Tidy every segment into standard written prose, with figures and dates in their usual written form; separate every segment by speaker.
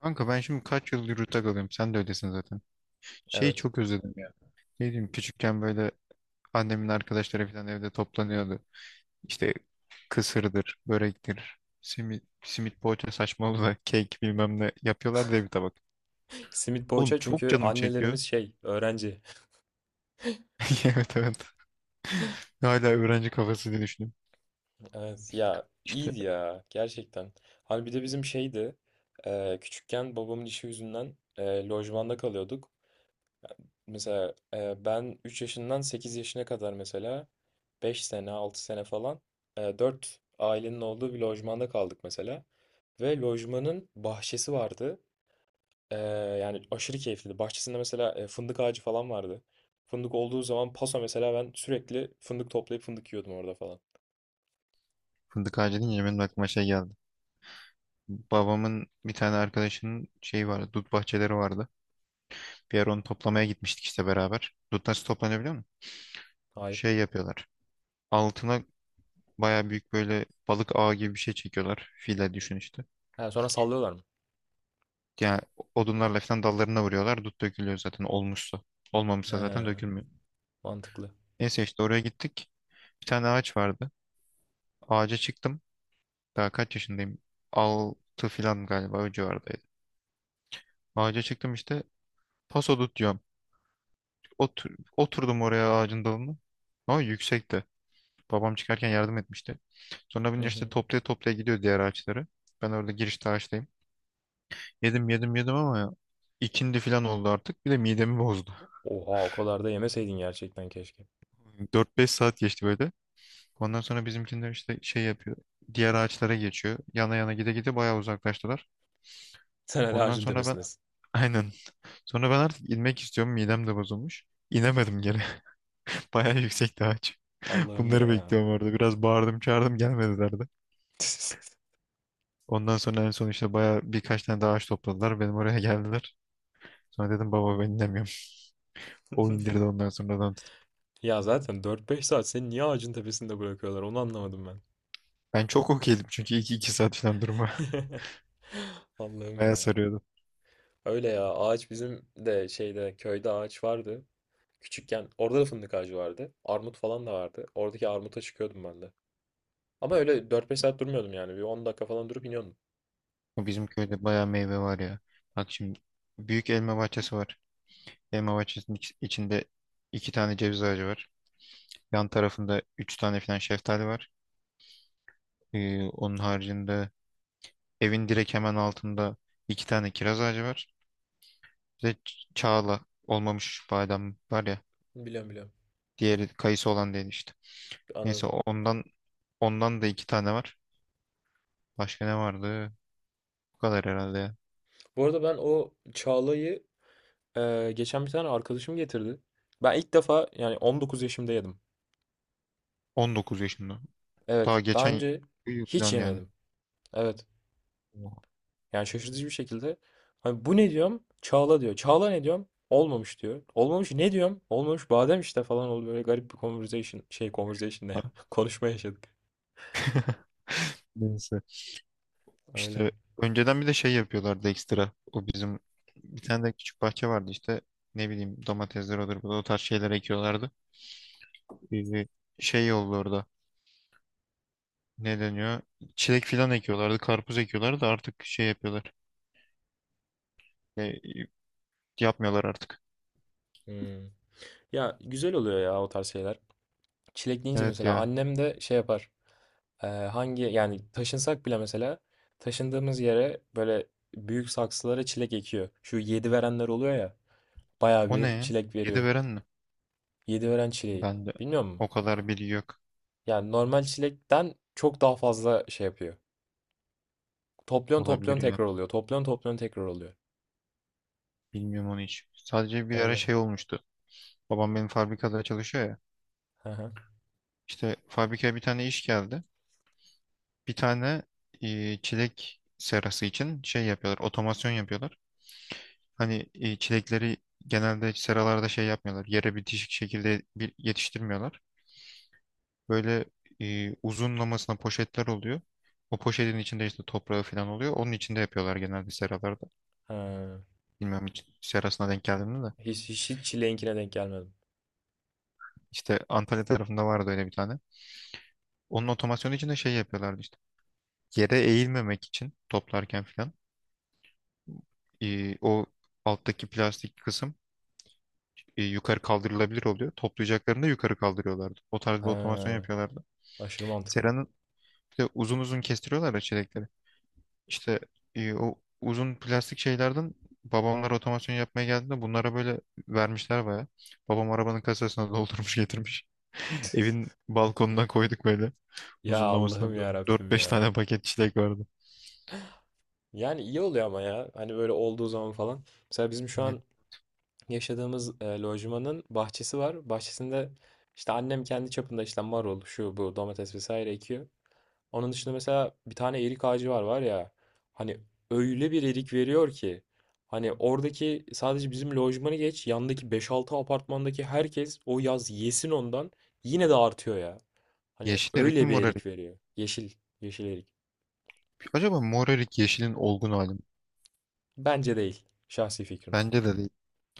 Speaker 1: Kanka ben şimdi kaç yıldır yurtta kalıyorum. Sen de öylesin zaten. Şeyi
Speaker 2: Evet.
Speaker 1: çok özledim ya. Ne diyeyim, küçükken böyle annemin arkadaşları falan evde toplanıyordu. İşte kısırdır, börektir, simit poğaça saçmalığı, da kek bilmem ne yapıyorlar diye bir tabak.
Speaker 2: Simit
Speaker 1: Oğlum
Speaker 2: poğaça
Speaker 1: çok
Speaker 2: çünkü
Speaker 1: canım çekiyor.
Speaker 2: annelerimiz şey öğrenci.
Speaker 1: Evet, evet. Hala öğrenci kafası diye düşünüyorum.
Speaker 2: Evet ya
Speaker 1: İşte
Speaker 2: iyiydi ya gerçekten. Hani bir de bizim şeydi küçükken babamın işi yüzünden lojmanda kalıyorduk. Mesela ben 3 yaşından 8 yaşına kadar mesela 5 sene 6 sene falan 4 ailenin olduğu bir lojmanda kaldık mesela. Ve lojmanın bahçesi vardı. Ee, yani aşırı keyifliydi. Bahçesinde mesela fındık ağacı falan vardı. Fındık olduğu zaman paso mesela ben sürekli fındık toplayıp fındık yiyordum orada falan.
Speaker 1: fındık ağacı deyince benim aklıma şey geldi. Babamın bir tane arkadaşının şeyi vardı. Dut bahçeleri vardı. Bir ara onu toplamaya gitmiştik işte beraber. Dut nasıl toplanıyor biliyor musun?
Speaker 2: Hayır.
Speaker 1: Şey yapıyorlar. Altına baya büyük böyle balık ağı gibi bir şey çekiyorlar. File düşün işte.
Speaker 2: Ha, sonra sallıyorlar mı?
Speaker 1: Yani odunlarla falan dallarına vuruyorlar. Dut dökülüyor zaten olmuşsa. Olmamışsa zaten
Speaker 2: He,
Speaker 1: dökülmüyor.
Speaker 2: mantıklı.
Speaker 1: Neyse işte oraya gittik. Bir tane ağaç vardı. Ağaca çıktım. Daha kaç yaşındayım? Altı falan galiba, o civardaydı. Ağaca çıktım işte. Paso dut diyorum. Oturdum oraya ağacın dalına. Ama yüksekti. Babam çıkarken yardım etmişti. Sonra bunun
Speaker 2: Hı
Speaker 1: işte
Speaker 2: hı.
Speaker 1: toplaya toplaya gidiyor diğer ağaçları. Ben orada girişte ağaçtayım. Yedim, yedim, yedim ama ya, ikindi falan oldu artık. Bir de midemi bozdu.
Speaker 2: Oha, o kadar da yemeseydin gerçekten keşke.
Speaker 1: 4-5 saat geçti böyle. Ondan sonra bizimkiler işte şey yapıyor. Diğer ağaçlara geçiyor. Yana yana, gide gide bayağı uzaklaştılar.
Speaker 2: Sen hala
Speaker 1: Ondan
Speaker 2: ağacın
Speaker 1: sonra ben
Speaker 2: tepesindesin.
Speaker 1: aynen. Sonra ben artık inmek istiyorum. Midem de bozulmuş. İnemedim geri. Bayağı yüksekti ağaç.
Speaker 2: Allah'ım
Speaker 1: Bunları
Speaker 2: ya.
Speaker 1: bekliyorum orada. Biraz bağırdım çağırdım, gelmediler de. Ondan sonra en son işte bayağı birkaç tane daha ağaç topladılar. Benim oraya geldiler. Sonra dedim, baba ben inemiyorum. O indirdi ondan sonradan tutup.
Speaker 2: Ya zaten dört beş saat seni niye ağacın tepesinde bırakıyorlar onu anlamadım ben.
Speaker 1: Ben çok okeydim çünkü iki saat falan durma.
Speaker 2: Allah'ım
Speaker 1: Bayağı
Speaker 2: ya.
Speaker 1: sarıyordu.
Speaker 2: Öyle ya, ağaç bizim de şeyde köyde ağaç vardı. Küçükken orada da fındık ağacı vardı. Armut falan da vardı. Oradaki armuta çıkıyordum ben de. Ama öyle dört beş saat durmuyordum yani. Bir 10 dakika falan durup iniyordum.
Speaker 1: Bizim köyde bayağı meyve var ya. Bak şimdi, büyük elma bahçesi var. Elma bahçesinin içinde iki tane ceviz ağacı var. Yan tarafında üç tane falan şeftali var. Onun haricinde evin direkt hemen altında iki tane kiraz ağacı var. Bir de çağla, olmamış badem var ya.
Speaker 2: Biliyorum biliyorum.
Speaker 1: Diğeri kayısı olan değil işte. Neyse
Speaker 2: Anladım.
Speaker 1: ondan da iki tane var. Başka ne vardı? Bu kadar herhalde ya.
Speaker 2: Bu arada ben o Çağla'yı geçen bir tane arkadaşım getirdi. Ben ilk defa yani 19 yaşımda yedim.
Speaker 1: 19 yaşında. Daha
Speaker 2: Evet. Daha
Speaker 1: geçen
Speaker 2: önce
Speaker 1: yıl
Speaker 2: hiç
Speaker 1: falan yani.
Speaker 2: yemedim. Evet. Yani şaşırtıcı bir şekilde. Hani bu ne diyorum? Çağla diyor. Çağla ne diyorum? Olmamış diyor. Olmamış ne diyorum? Olmamış badem işte falan oldu. Böyle garip bir conversation, şey, conversation ne ya?
Speaker 1: Oha.
Speaker 2: Konuşma yaşadık.
Speaker 1: Neyse.
Speaker 2: Öyle.
Speaker 1: İşte önceden bir de şey yapıyorlardı ekstra. O bizim, bir tane de küçük bahçe vardı işte. Ne bileyim, domatesler olur, bu da o tarz şeyler ekiyorlardı. Bir şey oldu orada. Ne deniyor? Çilek filan ekiyorlardı. Karpuz ekiyorlardı da artık şey yapıyorlar. E, Yapmıyorlar artık.
Speaker 2: Hmm. Ya güzel oluyor ya o tarz şeyler. Çilek deyince
Speaker 1: Evet
Speaker 2: mesela
Speaker 1: ya.
Speaker 2: annem de şey yapar. Hangi yani taşınsak bile mesela taşındığımız yere böyle büyük saksılara çilek ekiyor. Şu yedi verenler oluyor ya. Bayağı
Speaker 1: O ne
Speaker 2: bir
Speaker 1: ya?
Speaker 2: çilek
Speaker 1: Yedi
Speaker 2: veriyor.
Speaker 1: veren mi?
Speaker 2: Yedi veren çileği.
Speaker 1: Ben de
Speaker 2: Bilmiyor musun?
Speaker 1: o kadar bilgi yok.
Speaker 2: Yani normal çilekten çok daha fazla şey yapıyor. Topluyon topluyon
Speaker 1: Olabilir ya.
Speaker 2: tekrar oluyor. Topluyon topluyon tekrar oluyor.
Speaker 1: Bilmiyorum onu hiç. Sadece bir ara
Speaker 2: Öyle.
Speaker 1: şey olmuştu. Babam benim fabrikada çalışıyor ya.
Speaker 2: Hı hı.
Speaker 1: İşte fabrikaya bir tane iş geldi. Bir tane çilek serası için şey yapıyorlar, otomasyon yapıyorlar. Hani çilekleri genelde seralarda şey yapmıyorlar, yere bitişik şekilde bir yetiştirmiyorlar. Böyle uzunlamasına poşetler oluyor. O poşetin içinde işte toprağı falan oluyor. Onun içinde yapıyorlar genelde seralarda.
Speaker 2: Ha.
Speaker 1: Bilmiyorum hiç serasına denk geldim mi de.
Speaker 2: Hiç çileğinkine denk gelmedim.
Speaker 1: İşte Antalya tarafında vardı öyle bir tane. Onun otomasyonu için de şey yapıyorlardı işte. Yere eğilmemek için toplarken falan. O alttaki plastik kısım yukarı kaldırılabilir oluyor. Toplayacaklarını da yukarı kaldırıyorlardı. O tarz bir otomasyon
Speaker 2: Ha.
Speaker 1: yapıyorlardı.
Speaker 2: Aşırı mantıklı.
Speaker 1: Sera'nın bir de uzun uzun kestiriyorlar ya çilekleri. İşte o uzun plastik şeylerden babamlar otomasyon yapmaya geldiğinde bunlara böyle vermişler baya. Babam arabanın kasasına doldurmuş getirmiş. Evin balkonuna koyduk böyle.
Speaker 2: Ya Allah'ım
Speaker 1: Uzunlamasına
Speaker 2: ya
Speaker 1: dört
Speaker 2: Rabbim
Speaker 1: beş
Speaker 2: ya.
Speaker 1: tane paket çilek vardı.
Speaker 2: Yani iyi oluyor ama ya. Hani böyle olduğu zaman falan. Mesela bizim şu
Speaker 1: Ne?
Speaker 2: an yaşadığımız lojmanın bahçesi var. Bahçesinde işte annem kendi çapında işte marul, şu bu domates vesaire ekiyor. Onun dışında mesela bir tane erik ağacı var ya. Hani öyle bir erik veriyor ki. Hani oradaki sadece bizim lojmanı geç, yandaki beş altı apartmandaki herkes o yaz yesin ondan yine de artıyor ya. Hani
Speaker 1: Yeşil erik mi,
Speaker 2: öyle bir
Speaker 1: mor erik?
Speaker 2: erik veriyor. Yeşil, yeşil erik.
Speaker 1: Acaba mor erik yeşilin olgun hali mi?
Speaker 2: Bence değil. Şahsi fikrim.
Speaker 1: Bence de değil.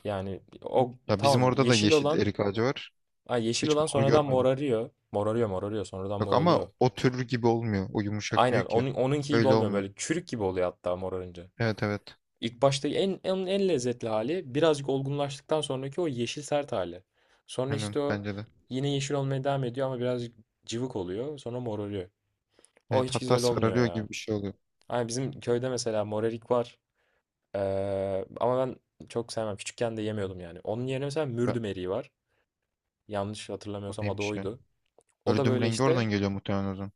Speaker 2: Yani o
Speaker 1: Ya bizim
Speaker 2: tamam,
Speaker 1: orada da
Speaker 2: yeşil
Speaker 1: yeşil
Speaker 2: olan,
Speaker 1: erik ağacı var.
Speaker 2: ay, yeşil
Speaker 1: Hiç
Speaker 2: olan
Speaker 1: mor
Speaker 2: sonradan
Speaker 1: görmedim.
Speaker 2: morarıyor. Morarıyor morarıyor sonradan
Speaker 1: Yok
Speaker 2: mor
Speaker 1: ama
Speaker 2: oluyor.
Speaker 1: o türlü gibi olmuyor. O yumuşak
Speaker 2: Aynen
Speaker 1: büyük ya.
Speaker 2: onun, onunki gibi
Speaker 1: Öyle
Speaker 2: olmuyor,
Speaker 1: olmuyor.
Speaker 2: böyle çürük gibi oluyor hatta morarınca.
Speaker 1: Evet, evet.
Speaker 2: İlk başta en lezzetli hali birazcık olgunlaştıktan sonraki o yeşil sert hali. Sonra
Speaker 1: Aynen,
Speaker 2: işte o
Speaker 1: bence de.
Speaker 2: yine yeşil olmaya devam ediyor ama birazcık cıvık oluyor, sonra morarıyor. O
Speaker 1: Evet,
Speaker 2: hiç
Speaker 1: hatta
Speaker 2: güzel olmuyor
Speaker 1: sararıyor
Speaker 2: ya.
Speaker 1: gibi bir şey oluyor.
Speaker 2: Ay, bizim köyde mesela morerik var. Ama ben çok sevmem. Küçükken de yemiyordum yani. Onun yerine mesela
Speaker 1: Be-
Speaker 2: mürdüm eriği var. Yanlış
Speaker 1: O
Speaker 2: hatırlamıyorsam adı
Speaker 1: neymiş ya?
Speaker 2: oydu. O da
Speaker 1: Gördüğüm
Speaker 2: böyle
Speaker 1: rengi oradan
Speaker 2: işte,
Speaker 1: geliyor muhtemelen o zaman.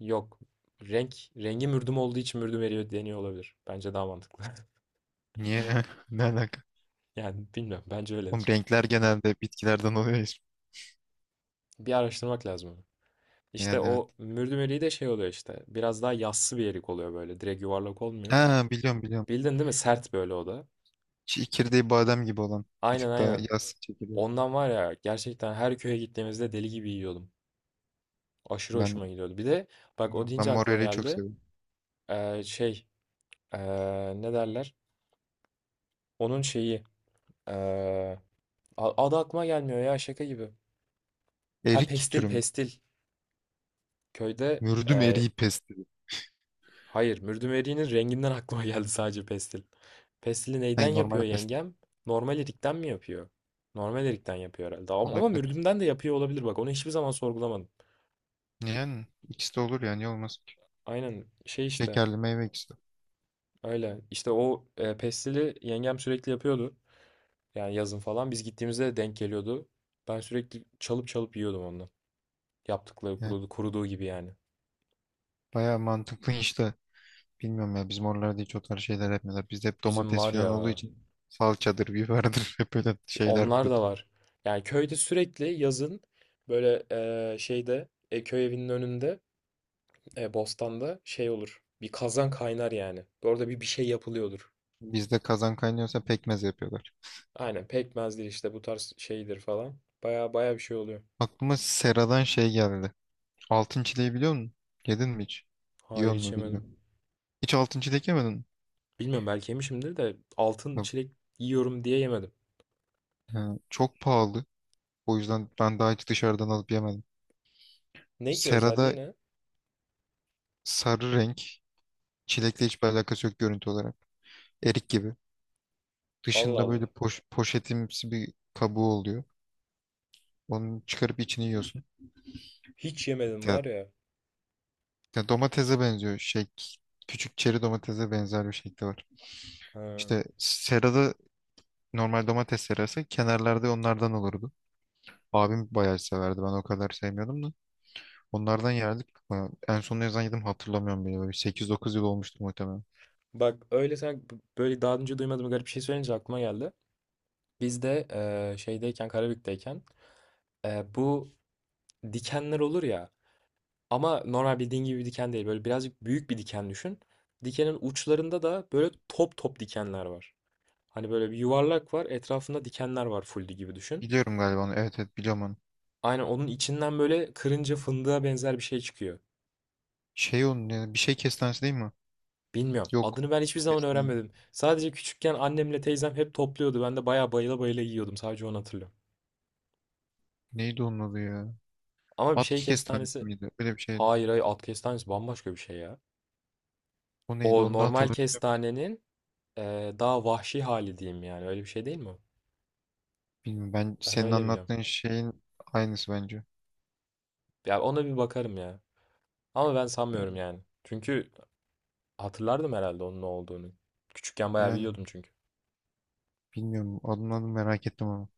Speaker 2: yok, renk rengi mürdüm olduğu için mürdüm eriyor deniyor olabilir. Bence daha mantıklı.
Speaker 1: Niye? Ne alaka?
Speaker 2: Yani bilmiyorum, bence
Speaker 1: Oğlum
Speaker 2: öyledir.
Speaker 1: renkler genelde bitkilerden oluyor ya.
Speaker 2: Bir araştırmak lazım onu. İşte
Speaker 1: Yani evet.
Speaker 2: o mürdüm eriği de şey oluyor işte, biraz daha yassı bir erik oluyor, böyle direkt yuvarlak olmuyor.
Speaker 1: Ha, biliyorum biliyorum.
Speaker 2: Bildin değil mi, sert böyle o da.
Speaker 1: Çekirdeği badem gibi olan. Bir
Speaker 2: Aynen
Speaker 1: tık daha
Speaker 2: aynen.
Speaker 1: yaz çekirdeği.
Speaker 2: Ondan var ya, gerçekten her köye gittiğimizde deli gibi yiyordum. Aşırı
Speaker 1: Ben
Speaker 2: hoşuma gidiyordu. Bir de bak, o
Speaker 1: ben
Speaker 2: deyince
Speaker 1: mor
Speaker 2: aklıma
Speaker 1: eriği çok
Speaker 2: geldi.
Speaker 1: seviyorum.
Speaker 2: Şey, ne derler? Onun şeyi, ee, adı aklıma gelmiyor ya, şaka gibi. Ha,
Speaker 1: Erik
Speaker 2: pestil
Speaker 1: türü mü?
Speaker 2: pestil. Köyde,
Speaker 1: Mürdüm
Speaker 2: e,
Speaker 1: eriği pesti.
Speaker 2: hayır, mürdümeriğinin renginden aklıma geldi sadece pestil. Pestili neyden
Speaker 1: Hayır,
Speaker 2: yapıyor
Speaker 1: normal pesti.
Speaker 2: yengem? Normal erikten mi yapıyor? Normal erikten yapıyor herhalde. Ama
Speaker 1: Olabilir.
Speaker 2: mürdümden de yapıyor olabilir bak. Onu hiçbir zaman sorgulamadım.
Speaker 1: Yani ikisi de olur, yani olmaz ki?
Speaker 2: Aynen, şey işte
Speaker 1: Şekerli meyve ikisi
Speaker 2: öyle. İşte o pestili yengem sürekli yapıyordu. Yani yazın falan biz gittiğimizde de denk geliyordu. Ben sürekli çalıp çalıp yiyordum ondan. Yaptıkları
Speaker 1: de.
Speaker 2: kurudu, kuruduğu gibi yani.
Speaker 1: Baya mantıklı işte. Bilmiyorum ya, bizim oralarda hiç o tarz şeyler yapmıyorlar. Bizde hep
Speaker 2: Bizim
Speaker 1: domates
Speaker 2: var
Speaker 1: falan olduğu
Speaker 2: ya.
Speaker 1: için salçadır, biberdir hep böyle şeyler
Speaker 2: Onlar da
Speaker 1: kurutun.
Speaker 2: var. Yani köyde sürekli yazın böyle şeyde, köy evinin önünde, bostanda şey olur. Bir kazan kaynar yani. Orada bir şey yapılıyordur.
Speaker 1: Bizde kazan kaynıyorsa pekmez yapıyorlar.
Speaker 2: Aynen, pekmezdir işte, bu tarz şeydir falan. Baya baya bir şey oluyor.
Speaker 1: Aklıma Sera'dan şey geldi. Altın çileği biliyor musun? Yedin mi hiç?
Speaker 2: Hayır,
Speaker 1: Yiyor
Speaker 2: hiç
Speaker 1: mu
Speaker 2: yemedim.
Speaker 1: bilmiyorum. Hiç altın çilek yemedin mi?
Speaker 2: Bilmiyorum, belki yemişimdir de altın
Speaker 1: Yok.
Speaker 2: çilek yiyorum diye yemedim.
Speaker 1: Ha, çok pahalı. O yüzden ben daha hiç dışarıdan alıp yemedim.
Speaker 2: Ne ki,
Speaker 1: Sera'da
Speaker 2: özelliği ne?
Speaker 1: sarı renk. Çilekle hiçbir alakası yok görüntü olarak. Erik gibi.
Speaker 2: Allah
Speaker 1: Dışında böyle
Speaker 2: Allah.
Speaker 1: poşetimsi bir kabuğu oluyor. Onu çıkarıp içini yiyorsun.
Speaker 2: Hiç yemedim
Speaker 1: Ya,
Speaker 2: var ya.
Speaker 1: ya domatese benziyor. Şey, küçük çeri domatese benzer bir şekli var.
Speaker 2: Ha.
Speaker 1: İşte serada normal domates serası kenarlarda onlardan olurdu. Abim bayağı severdi. Ben o kadar sevmiyordum da. Onlardan yerdik. Bayağı- en son ne zaman yedim hatırlamıyorum bile. Böyle 8-9 yıl olmuştur muhtemelen.
Speaker 2: Bak, öyle sen böyle daha önce duymadığım garip bir şey söyleyince aklıma geldi. Biz de şeydeyken, Karabük'teyken, bu dikenler olur ya, ama normal bildiğin gibi bir diken değil. Böyle birazcık büyük bir diken düşün. Dikenin uçlarında da böyle top top dikenler var. Hani böyle bir yuvarlak var, etrafında dikenler var full gibi düşün.
Speaker 1: Biliyorum galiba onu. Evet, evet, biliyorum onu.
Speaker 2: Aynen onun içinden böyle kırınca fındığa benzer bir şey çıkıyor.
Speaker 1: Şey onun ya, bir şey kestanesi değil mi?
Speaker 2: Bilmiyorum.
Speaker 1: Yok.
Speaker 2: Adını ben hiçbir zaman
Speaker 1: Kestane.
Speaker 2: öğrenmedim. Sadece küçükken annemle teyzem hep topluyordu. Ben de bayağı bayıla bayıla yiyordum. Sadece onu hatırlıyorum.
Speaker 1: Neydi onun adı ya?
Speaker 2: Ama bir
Speaker 1: At
Speaker 2: şey
Speaker 1: kestanesi
Speaker 2: kestanesi...
Speaker 1: miydi? Öyle bir şeydi.
Speaker 2: Hayır, hayır, at kestanesi bambaşka bir şey ya.
Speaker 1: O neydi
Speaker 2: O
Speaker 1: onu da
Speaker 2: normal
Speaker 1: hatırlamıyorum.
Speaker 2: kestanenin daha vahşi hali diyeyim yani. Öyle bir şey değil mi?
Speaker 1: Bilmiyorum, ben
Speaker 2: Ben
Speaker 1: senin
Speaker 2: öyle biliyorum.
Speaker 1: anlattığın şeyin aynısı bence.
Speaker 2: Ya, ona bir bakarım ya. Ama ben sanmıyorum
Speaker 1: Yani,
Speaker 2: yani. Çünkü hatırlardım herhalde onun ne olduğunu. Küçükken bayağı
Speaker 1: yani,
Speaker 2: biliyordum çünkü.
Speaker 1: bilmiyorum adım merak ettim ama.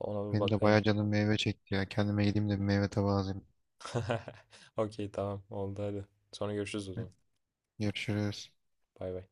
Speaker 2: Ona bir
Speaker 1: Benim de
Speaker 2: bakayım.
Speaker 1: bayağı canım meyve çekti ya. Kendime gideyim de bir meyve tabağı alayım.
Speaker 2: Okey, tamam, oldu hadi. Sonra görüşürüz o zaman.
Speaker 1: Görüşürüz.
Speaker 2: Bay bay.